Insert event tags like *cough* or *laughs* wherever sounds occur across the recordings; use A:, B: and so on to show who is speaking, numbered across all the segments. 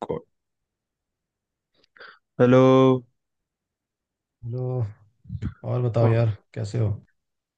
A: को- hello.
B: Hello. और बताओ यार, कैसे हो?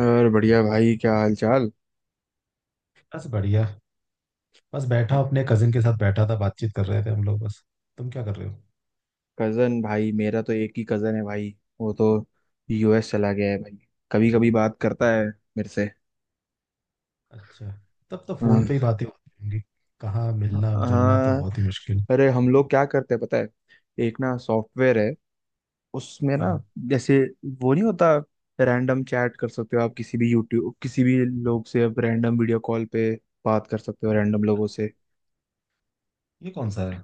A: और बढ़िया भाई, क्या हाल चाल।
B: बस बढ़िया। बस बैठा अपने कजिन के साथ, बैठा था बातचीत कर रहे थे हम लोग बस। तुम क्या कर रहे हो?
A: कजन भाई, मेरा तो एक ही कजन है भाई। वो तो यूएस चला गया है भाई। कभी कभी बात करता है मेरे से।
B: अच्छा, तब तो फोन
A: हाँ।
B: पे ही बातें होती होंगी। कहाँ, मिलना जुलना तो
A: हाँ,
B: बहुत ही मुश्किल।
A: अरे हम लोग क्या करते हैं पता है। एक ना सॉफ्टवेयर है। उसमें ना,
B: हाँ।
A: जैसे, वो नहीं होता, रैंडम चैट कर सकते हो आप किसी भी यूट्यूब, किसी भी लोग से। आप रैंडम वीडियो कॉल पे बात कर सकते हो रैंडम लोगों
B: अच्छा,
A: से।
B: ये कौन सा है?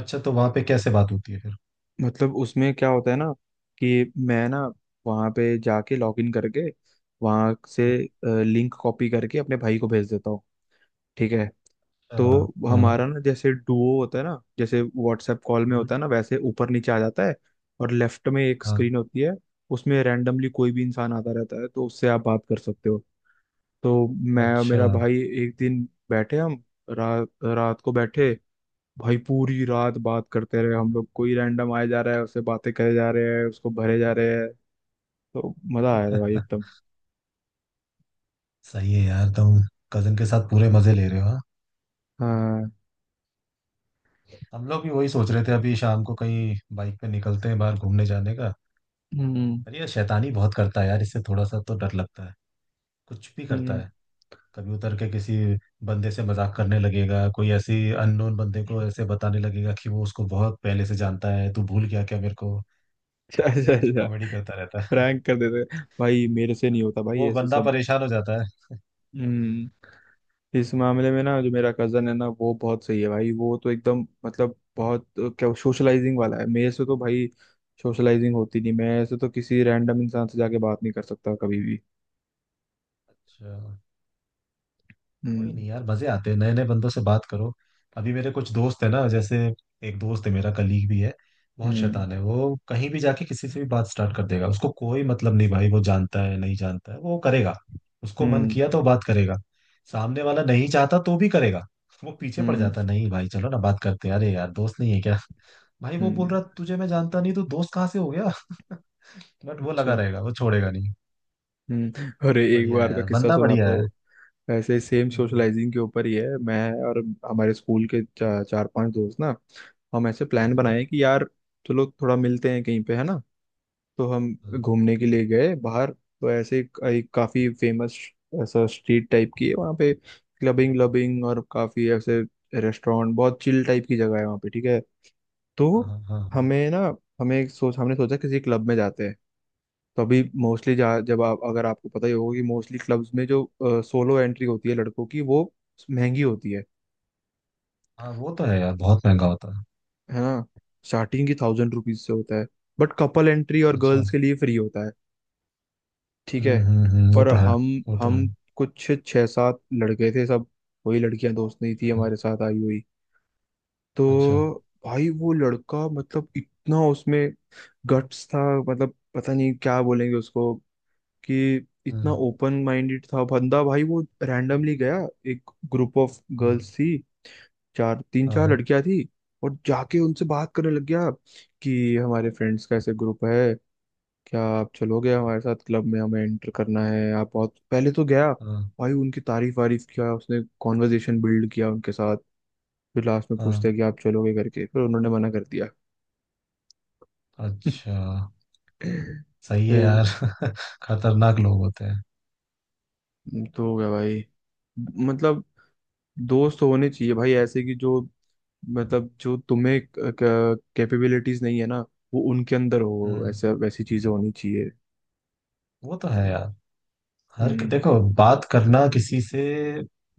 B: अच्छा, तो वहाँ पे कैसे बात होती है फिर?
A: मतलब उसमें क्या होता है ना, कि मैं ना, वहाँ पे जाके लॉग इन करके, वहाँ से लिंक कॉपी करके अपने भाई को भेज देता हूँ। ठीक है। तो
B: अच्छा हाँ।
A: हमारा ना, जैसे डुओ होता है ना, जैसे व्हाट्सएप कॉल में
B: हम्म।
A: होता है ना, वैसे ऊपर नीचे आ जाता है। और लेफ्ट में एक
B: हाँ।
A: स्क्रीन होती है। उसमें रैंडमली कोई भी इंसान आता रहता है, तो उससे आप बात कर सकते हो। तो मैं और
B: अच्छा।
A: मेरा भाई एक दिन बैठे, हम रा, रात को बैठे भाई, पूरी रात बात करते रहे। हम लोग, कोई रैंडम आया जा रहा है उससे बातें करे जा रहे हैं, उसको भरे जा रहे हैं। तो मजा आया था भाई,
B: *laughs*
A: एकदम।
B: सही है यार, तुम कजिन के साथ पूरे मजे ले रहे हो, हाँ।
A: हाँ।
B: हम लोग भी वही सोच रहे थे, अभी शाम को कहीं बाइक पे निकलते हैं बाहर घूमने जाने का।
A: हम्म।
B: पर ये शैतानी बहुत करता है यार, इससे थोड़ा सा तो डर लगता है। कुछ भी करता
A: हम्म। *laughs*
B: है। कभी उतर के किसी बंदे से मजाक करने लगेगा, कोई ऐसी अननोन बंदे को ऐसे बताने लगेगा कि वो उसको बहुत पहले से जानता है, तू भूल गया क्या मेरे को।
A: अच्छा, अच्छा,
B: अजीब अजीब
A: अच्छा।
B: कॉमेडी करता रहता है।
A: प्रैंक कर देते हैं। भाई, मेरे से
B: *laughs*
A: नहीं होता भाई
B: वो
A: ऐसे
B: बंदा
A: सब।
B: परेशान हो जाता है।
A: हम्म। इस मामले में ना, जो मेरा कजन है ना, वो बहुत सही है भाई। वो तो एकदम, मतलब बहुत क्या सोशलाइजिंग वाला है, मेरे से तो भाई सोशलाइजिंग होती नहीं। मैं ऐसे तो किसी रैंडम इंसान से जाके बात नहीं कर सकता कभी भी।
B: अच्छा। कोई
A: हम्म।
B: नहीं यार, मजे आते हैं नए नए बंदों से बात करो। अभी मेरे कुछ दोस्त है ना, जैसे एक दोस्त है मेरा, कलीग भी है। बहुत
A: हम्म।
B: शैतान है वो, कहीं भी जाके किसी से भी बात स्टार्ट कर देगा, उसको कोई मतलब नहीं भाई, वो जानता है नहीं जानता है वो करेगा। उसको मन
A: हम्म।
B: किया तो बात करेगा। सामने वाला नहीं चाहता तो भी करेगा। वो पीछे पड़
A: हम्म।
B: जाता है, नहीं भाई चलो ना बात करते हैं, अरे यार दोस्त नहीं है क्या। भाई वो बोल
A: हम्म।
B: रहा तुझे मैं जानता नहीं, तो दोस्त कहाँ से हो गया? *laughs* बट वो लगा
A: अच्छा।
B: रहेगा, वो छोड़ेगा नहीं।
A: हम्म। अरे, एक
B: बढ़िया है
A: बार का
B: यार,
A: किस्सा
B: बंदा
A: सुनाता
B: बढ़िया है।
A: हूँ। ऐसे सेम
B: हम्म।
A: सोशलाइजिंग के ऊपर ही है। मैं और हमारे स्कूल के चार पांच दोस्त ना, हम ऐसे प्लान बनाए कि यार चलो थोड़ा मिलते हैं कहीं पे, है ना। तो हम
B: हाँ
A: घूमने के लिए गए बाहर। तो ऐसे एक काफी फेमस ऐसा स्ट्रीट टाइप की है वहाँ पे, क्लबिंग क्लबिंग और काफी ऐसे रेस्टोरेंट, बहुत चिल टाइप की जगह है वहाँ पे। ठीक है।
B: हाँ
A: तो
B: हाँ। हाँ।
A: हमें ना, हमें एक सोच, हमने सोचा किसी क्लब में जाते हैं। तो अभी मोस्टली, जब आप, अगर आपको पता ही होगा, कि मोस्टली क्लब्स में जो सोलो एंट्री होती है लड़कों की, वो महंगी होती है
B: हाँ वो तो है यार, बहुत महंगा होता है।
A: है ना। स्टार्टिंग की 1,000 रुपीज से होता है। बट कपल एंट्री, और
B: अच्छा।
A: गर्ल्स के लिए फ्री होता है। ठीक है।
B: हम्म, वो
A: और
B: तो है।
A: हम
B: वो तो है।
A: हम कुछ छः सात लड़के थे सब। वही लड़कियां दोस्त नहीं थी
B: हम्म।
A: हमारे साथ आई हुई।
B: अच्छा।
A: तो भाई, वो लड़का, मतलब इतना उसमें गट्स था, मतलब पता नहीं क्या बोलेंगे उसको, कि इतना
B: हम्म।
A: ओपन माइंडेड था बंदा। भाई वो रैंडमली गया, एक ग्रुप ऑफ गर्ल्स
B: हम्म।
A: थी, चार, तीन
B: हाँ
A: चार
B: हाँ।
A: लड़कियां थी। और जाके उनसे बात करने लग गया, कि हमारे फ्रेंड्स का ऐसे ग्रुप है, क्या आप चलोगे हमारे साथ क्लब में, हमें एंटर करना है आप। बहुत पहले तो गया
B: हाँ
A: भाई, उनकी तारीफ वारीफ किया उसने, कॉन्वर्जेशन बिल्ड किया उनके साथ। फिर लास्ट में पूछते
B: हाँ।
A: हैं कि आप चलोगे करके, फिर उन्होंने मना कर दिया। *laughs*
B: अच्छा। सही है
A: फिर
B: यार। *laughs* खतरनाक लोग होते हैं।
A: तो हो गया भाई। मतलब दोस्त होने चाहिए भाई ऐसे, कि जो, मतलब जो तुम्हें कैपेबिलिटीज नहीं है ना, वो उनके अंदर हो,
B: हम्म।
A: ऐसा, वैसी चीजें होनी चाहिए।
B: वो तो है यार। हर
A: हम्म।
B: देखो, बात करना किसी से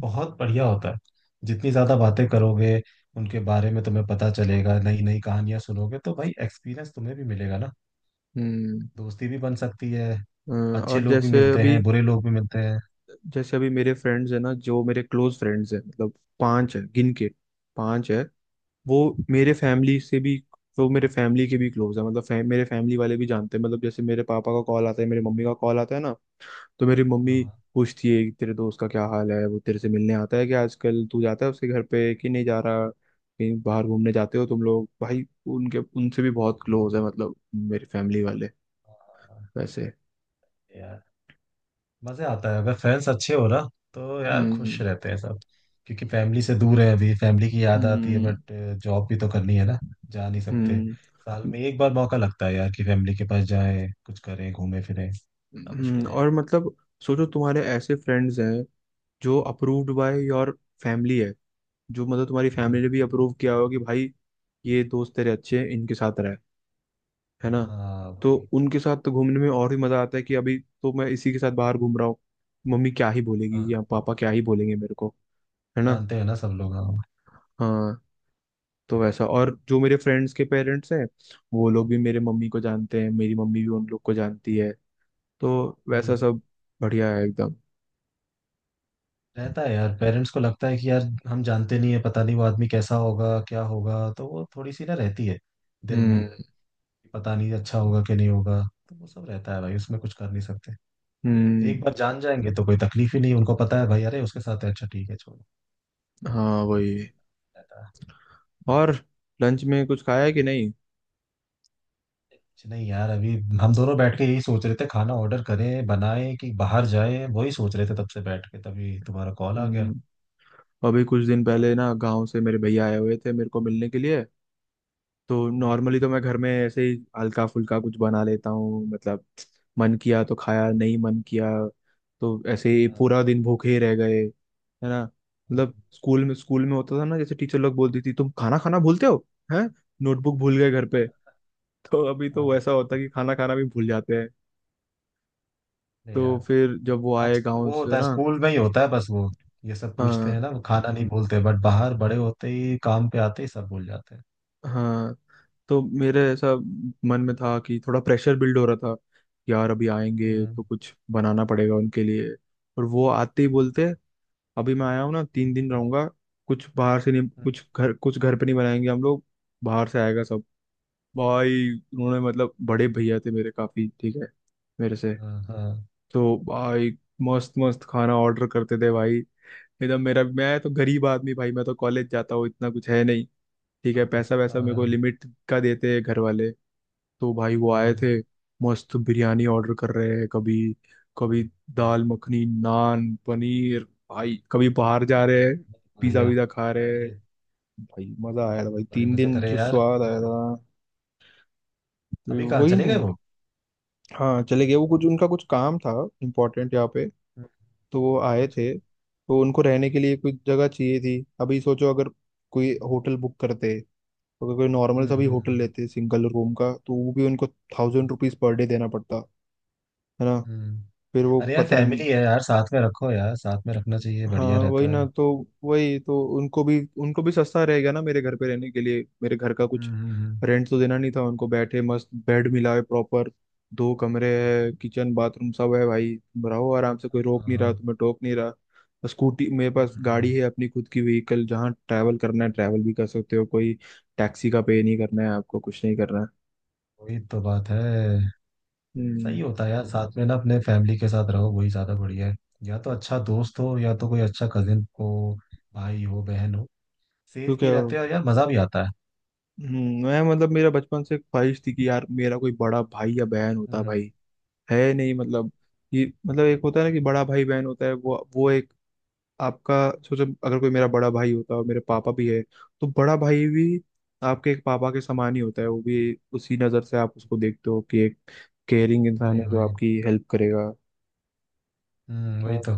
B: बहुत बढ़िया होता है। जितनी ज्यादा बातें करोगे, उनके बारे में तुम्हें पता चलेगा, नई नई कहानियां सुनोगे, तो भाई एक्सपीरियंस तुम्हें भी मिलेगा ना।
A: हम्म।
B: दोस्ती भी बन सकती है।
A: अ,
B: अच्छे
A: और
B: लोग भी
A: जैसे
B: मिलते
A: अभी
B: हैं, बुरे लोग भी मिलते हैं।
A: जैसे अभी मेरे फ्रेंड्स है ना, जो मेरे क्लोज फ्रेंड्स हैं, मतलब, पांच है गिन के, पांच है। वो मेरे फैमिली से भी वो मेरे फैमिली के भी क्लोज है, मतलब मेरे फैमिली वाले भी जानते हैं। मतलब जैसे मेरे पापा का कॉल आता है, मेरे मम्मी का कॉल आता है ना, तो मेरी
B: हाँ
A: मम्मी
B: हाँ।
A: पूछती है कि तेरे दोस्त का क्या हाल है, वो तेरे से मिलने आता है क्या आजकल, तू जाता है उसके घर पे कि नहीं, जा रहा कहीं बाहर घूमने जाते हो तुम लोग भाई। उनके, उनसे भी बहुत क्लोज है, मतलब मेरी फैमिली वाले,
B: हाँ।
A: वैसे।
B: यार मजे आता है अगर फ्रेंड्स अच्छे हो ना, तो यार खुश
A: हम्म।
B: रहते हैं सब। क्योंकि फैमिली से दूर है, अभी फैमिली की याद आती है,
A: हम्म।
B: बट जॉब भी तो करनी है ना, जा नहीं सकते।
A: हम्म
B: साल में एक बार मौका लगता है यार कि फैमिली के पास जाएं, कुछ करें घूमें फिरें ना, मुश्किल है।
A: और मतलब सोचो तुम्हारे ऐसे फ्रेंड्स हैं जो अप्रूव्ड बाय योर फैमिली है जो मतलब तुम्हारी
B: हम्म।
A: फैमिली ने भी अप्रूव किया हो कि भाई ये दोस्त तेरे अच्छे हैं इनके साथ रह है ना
B: हाँ
A: तो
B: वही।
A: उनके साथ तो घूमने में और भी मजा आता है कि अभी तो मैं इसी के साथ बाहर घूम रहा हूँ मम्मी क्या ही
B: हाँ,
A: बोलेगी या पापा क्या ही बोलेंगे मेरे को है ना
B: जानते हैं ना सब लोग, हाँ।
A: हाँ तो वैसा और जो मेरे फ्रेंड्स के पेरेंट्स हैं वो लोग भी मेरे मम्मी को जानते हैं मेरी मम्मी भी उन लोग को जानती है तो वैसा
B: हम्म।
A: सब बढ़िया है एकदम
B: रहता है यार, पेरेंट्स को लगता है कि यार हम जानते नहीं है, पता नहीं वो आदमी कैसा होगा क्या होगा, तो वो थोड़ी सी ना रहती है दिल में।
A: हम्म।
B: पता नहीं अच्छा होगा कि नहीं होगा। तो वो सब रहता है भाई, उसमें कुछ कर नहीं सकते।
A: हम्म।
B: एक बार जान जाएंगे तो कोई तकलीफ ही नहीं, उनको पता है भाई, अरे उसके साथ है, अच्छा ठीक है, छोड़ो,
A: हाँ,
B: क्या
A: वही।
B: रहता है।
A: और लंच में कुछ खाया है कि नहीं।
B: कुछ नहीं यार, अभी हम दोनों बैठ के यही सोच रहे थे, खाना ऑर्डर करें बनाएं कि बाहर जाएं, वही सोच रहे थे तब से बैठ के, तभी तुम्हारा कॉल आ गया।
A: हम्म। अभी कुछ दिन पहले
B: पता
A: ना, गांव से मेरे भैया आए हुए थे मेरे को मिलने के लिए। तो
B: नहीं।
A: नॉर्मली तो मैं घर में ऐसे ही हल्का फुल्का कुछ बना लेता हूँ, मतलब मन किया तो खाया, नहीं मन किया तो ऐसे ही
B: हाँ,
A: पूरा दिन भूखे ही रह गए, है ना। मतलब स्कूल में होता था ना, जैसे टीचर लोग बोलती थी, तुम खाना खाना भूलते हो, हैं, नोटबुक भूल गए घर पे। *laughs* तो अभी तो
B: हाँ, हाँ,
A: वैसा होता है
B: तो
A: कि खाना खाना भी भूल जाते हैं।
B: अरे
A: तो
B: यार,
A: फिर जब वो आए
B: आज
A: गाँव
B: वो होता
A: से
B: है
A: ना,
B: स्कूल में ही होता है बस वो, ये सब पूछते हैं
A: हाँ,
B: ना वो, खाना नहीं बोलते बट बाहर बड़े होते ही, काम पे आते ही सब भूल जाते हैं।
A: हाँ, तो मेरे ऐसा मन में था कि थोड़ा प्रेशर बिल्ड हो रहा था, कि यार अभी आएंगे
B: हम्म
A: तो कुछ बनाना पड़ेगा उनके लिए। और वो आते ही बोलते, अभी मैं आया हूँ ना, 3 दिन रहूंगा, कुछ बाहर से नहीं,
B: हम्म,
A: कुछ घर पे नहीं बनाएंगे हम लोग, बाहर से आएगा सब। भाई उन्होंने, मतलब बड़े भैया थे मेरे, काफी ठीक है मेरे से।
B: हाँ हाँ
A: तो भाई मस्त मस्त खाना ऑर्डर करते थे भाई, एकदम। मेरा, मैं तो गरीब आदमी भाई, मैं तो कॉलेज जाता हूँ, इतना कुछ है नहीं, ठीक है, पैसा वैसा मेरे को
B: हाँ,
A: लिमिट का देते हैं घर वाले। तो भाई वो आए
B: हम्म।
A: थे, मस्त बिरयानी ऑर्डर कर रहे हैं कभी, कभी दाल मखनी, नान, पनीर, भाई कभी बाहर
B: हाँ,
A: जा रहे हैं, पिज्जा
B: बढ़िया।
A: विज़ा खा रहे हैं
B: अरे,
A: भाई, मजा आया था भाई,
B: बड़े
A: तीन
B: मजे
A: दिन
B: करे
A: जो
B: यार।
A: स्वाद आया था। फिर
B: अभी कहाँ
A: वही
B: चले गए
A: न-
B: वो?
A: हाँ, चले गए वो, कुछ उनका कुछ काम था इम्पोर्टेंट यहाँ पे।
B: हम्म।
A: तो वो आए
B: अच्छा।
A: थे, तो उनको रहने के लिए कोई जगह चाहिए थी, अभी सोचो, अगर कोई होटल बुक करते, अगर कोई नॉर्मल
B: हम्म
A: सा भी होटल
B: हम्म
A: लेते सिंगल रूम का, तो वो भी उनको
B: हम्म।
A: 1,000 रुपीज पर डे देना पड़ता, है ना।
B: हम्म।
A: फिर वो
B: अरे यार,
A: पता।
B: फैमिली है यार, साथ में रखो यार, साथ में रखना चाहिए,
A: हाँ
B: बढ़िया
A: वही
B: रहता
A: ना,
B: है।
A: तो वही, तो उनको भी, उनको भी सस्ता रहेगा ना मेरे घर पे रहने के लिए, मेरे घर का कुछ
B: हम्म।
A: रेंट तो देना नहीं था उनको, बैठे मस्त बेड मिला है प्रॉपर, दो कमरे है, किचन बाथरूम सब है भाई, तुम रहो आराम से, कोई रोक नहीं रहा
B: हाँ।
A: तुम्हें, टोक नहीं रहा, स्कूटी मेरे पास गाड़ी
B: हम्म।
A: है अपनी, खुद की व्हीकल, जहाँ ट्रैवल करना है ट्रैवल भी कर सकते हो, कोई टैक्सी का पे नहीं करना है आपको, कुछ नहीं करना है।
B: वही तो बात है।
A: हम्म।
B: सही होता है यार, साथ में ना अपने फैमिली के साथ रहो, वही ज्यादा बढ़िया है। या तो अच्छा दोस्त हो या तो कोई अच्छा कजिन हो, भाई हो बहन हो,
A: तो
B: सेफ भी
A: क्या।
B: रहते हो यार, मजा भी आता है।
A: मैं, मतलब मेरा बचपन से ख्वाहिश थी कि यार, मेरा कोई बड़ा भाई या बहन होता
B: हम्म,
A: भाई, है नहीं। मतलब ये, मतलब एक होता है ना, कि बड़ा भाई बहन होता है, वो एक आपका, सोचो अगर कोई मेरा बड़ा भाई होता है, और मेरे पापा भी है, तो बड़ा भाई भी आपके एक पापा के समान ही होता है। वो भी उसी नज़र से आप उसको देखते हो, कि एक केयरिंग इंसान
B: वही
A: है, जो
B: वही।
A: आपकी हेल्प करेगा।
B: हम्म, वही
A: हाँ,
B: तो।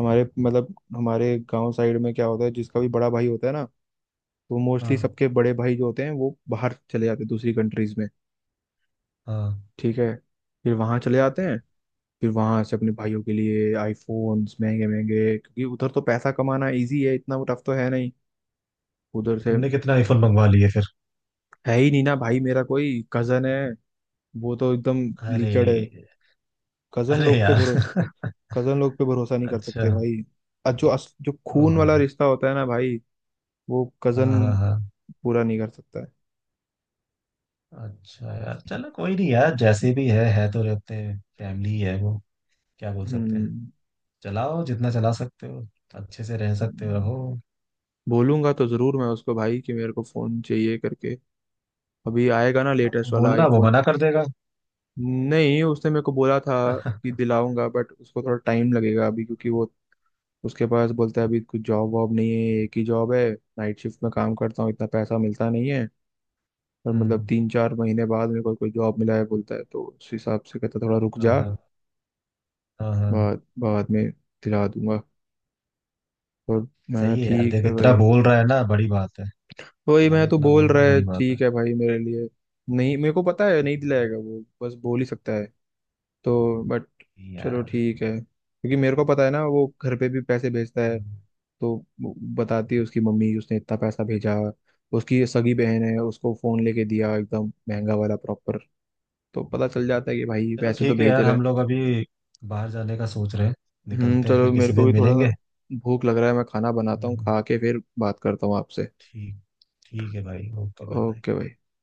A: हमारे, मतलब हमारे गांव साइड में क्या होता है, जिसका भी बड़ा भाई होता है ना, तो मोस्टली
B: हाँ
A: सबके बड़े भाई जो होते हैं, वो बाहर चले जाते हैं दूसरी कंट्रीज में,
B: हाँ।
A: ठीक है, फिर वहां चले जाते हैं, फिर वहां से अपने भाइयों के लिए आईफोन्स महंगे महंगे, क्योंकि उधर तो पैसा कमाना इजी है, इतना वो टफ तो है नहीं उधर से।
B: तुमने कितने आईफोन मंगवा लिए फिर?
A: है ही नहीं ना भाई मेरा कोई कजन। है वो तो एकदम
B: अरे।
A: लिकड़। है कजन
B: अरे
A: लोग पे
B: यार।
A: भरोसे
B: *laughs*
A: कजन लोग पे भरोसा नहीं कर
B: अच्छा।
A: सकते भाई। और जो जो खून
B: ओहो।
A: वाला रिश्ता होता है ना भाई, वो
B: हाँ
A: कजन
B: हाँ हाँ।
A: पूरा नहीं कर सकता है।
B: अच्छा यार, चलो कोई नहीं यार, जैसे भी है, तो रहते हैं, फैमिली ही है वो, क्या बोल सकते हैं।
A: हम्म।
B: चलाओ जितना चला सकते हो, अच्छे से रह सकते हो रहो।
A: बोलूंगा तो जरूर मैं उसको भाई, कि मेरे को फोन चाहिए करके, अभी आएगा ना
B: हाँ,
A: लेटेस्ट
B: तुम
A: वाला
B: बोलना वो
A: आईफोन।
B: मना कर देगा।
A: नहीं, उसने मेरे को बोला था कि दिलाऊंगा, बट उसको थोड़ा टाइम लगेगा अभी, क्योंकि वो, उसके पास बोलता है अभी कुछ जॉब वॉब नहीं है, एक ही जॉब है, नाइट शिफ्ट में काम करता हूँ, इतना पैसा मिलता नहीं है। और मतलब
B: हम्म।
A: 3-4 महीने बाद मेरे को कोई जॉब मिला है बोलता है, तो उस हिसाब से कहता थोड़ा रुक
B: हाँ
A: जा,
B: हाँ। हाँ हाँ।
A: बाद बाद में दिला दूंगा। और मैं
B: सही है यार,
A: ठीक
B: देख
A: है
B: इतना
A: भाई।
B: बोल रहा है ना, बड़ी बात है।
A: वही
B: भाई
A: मैं तो
B: इतना
A: बोल
B: बोल रहा
A: रहा
B: है,
A: है
B: बड़ी बात है।
A: ठीक है भाई मेरे लिए। नहीं, मेरे को पता है नहीं दिलाएगा वो, बस बोल ही सकता है तो, बट चलो
B: यार।
A: ठीक है, क्योंकि मेरे को पता है ना वो घर पे भी पैसे भेजता है।
B: हम्म।
A: तो वो बताती है उसकी मम्मी, उसने इतना पैसा भेजा, उसकी सगी बहन है उसको फोन लेके दिया एकदम महंगा वाला प्रॉपर, तो पता चल जाता है कि भाई
B: चलो
A: पैसे तो
B: ठीक है
A: भेज
B: यार,
A: रहा
B: हम
A: है।
B: लोग अभी बाहर जाने का सोच रहे हैं,
A: हम्म।
B: निकलते हैं,
A: चलो,
B: फिर
A: मेरे
B: किसी
A: को
B: दिन
A: भी थोड़ा
B: मिलेंगे।
A: भूख लग रहा है, मैं खाना बनाता हूँ,
B: हम्म,
A: खा के फिर बात करता हूँ आपसे।
B: ठीक। ठीक है भाई, ओके बाय बाय।
A: ओके भाई।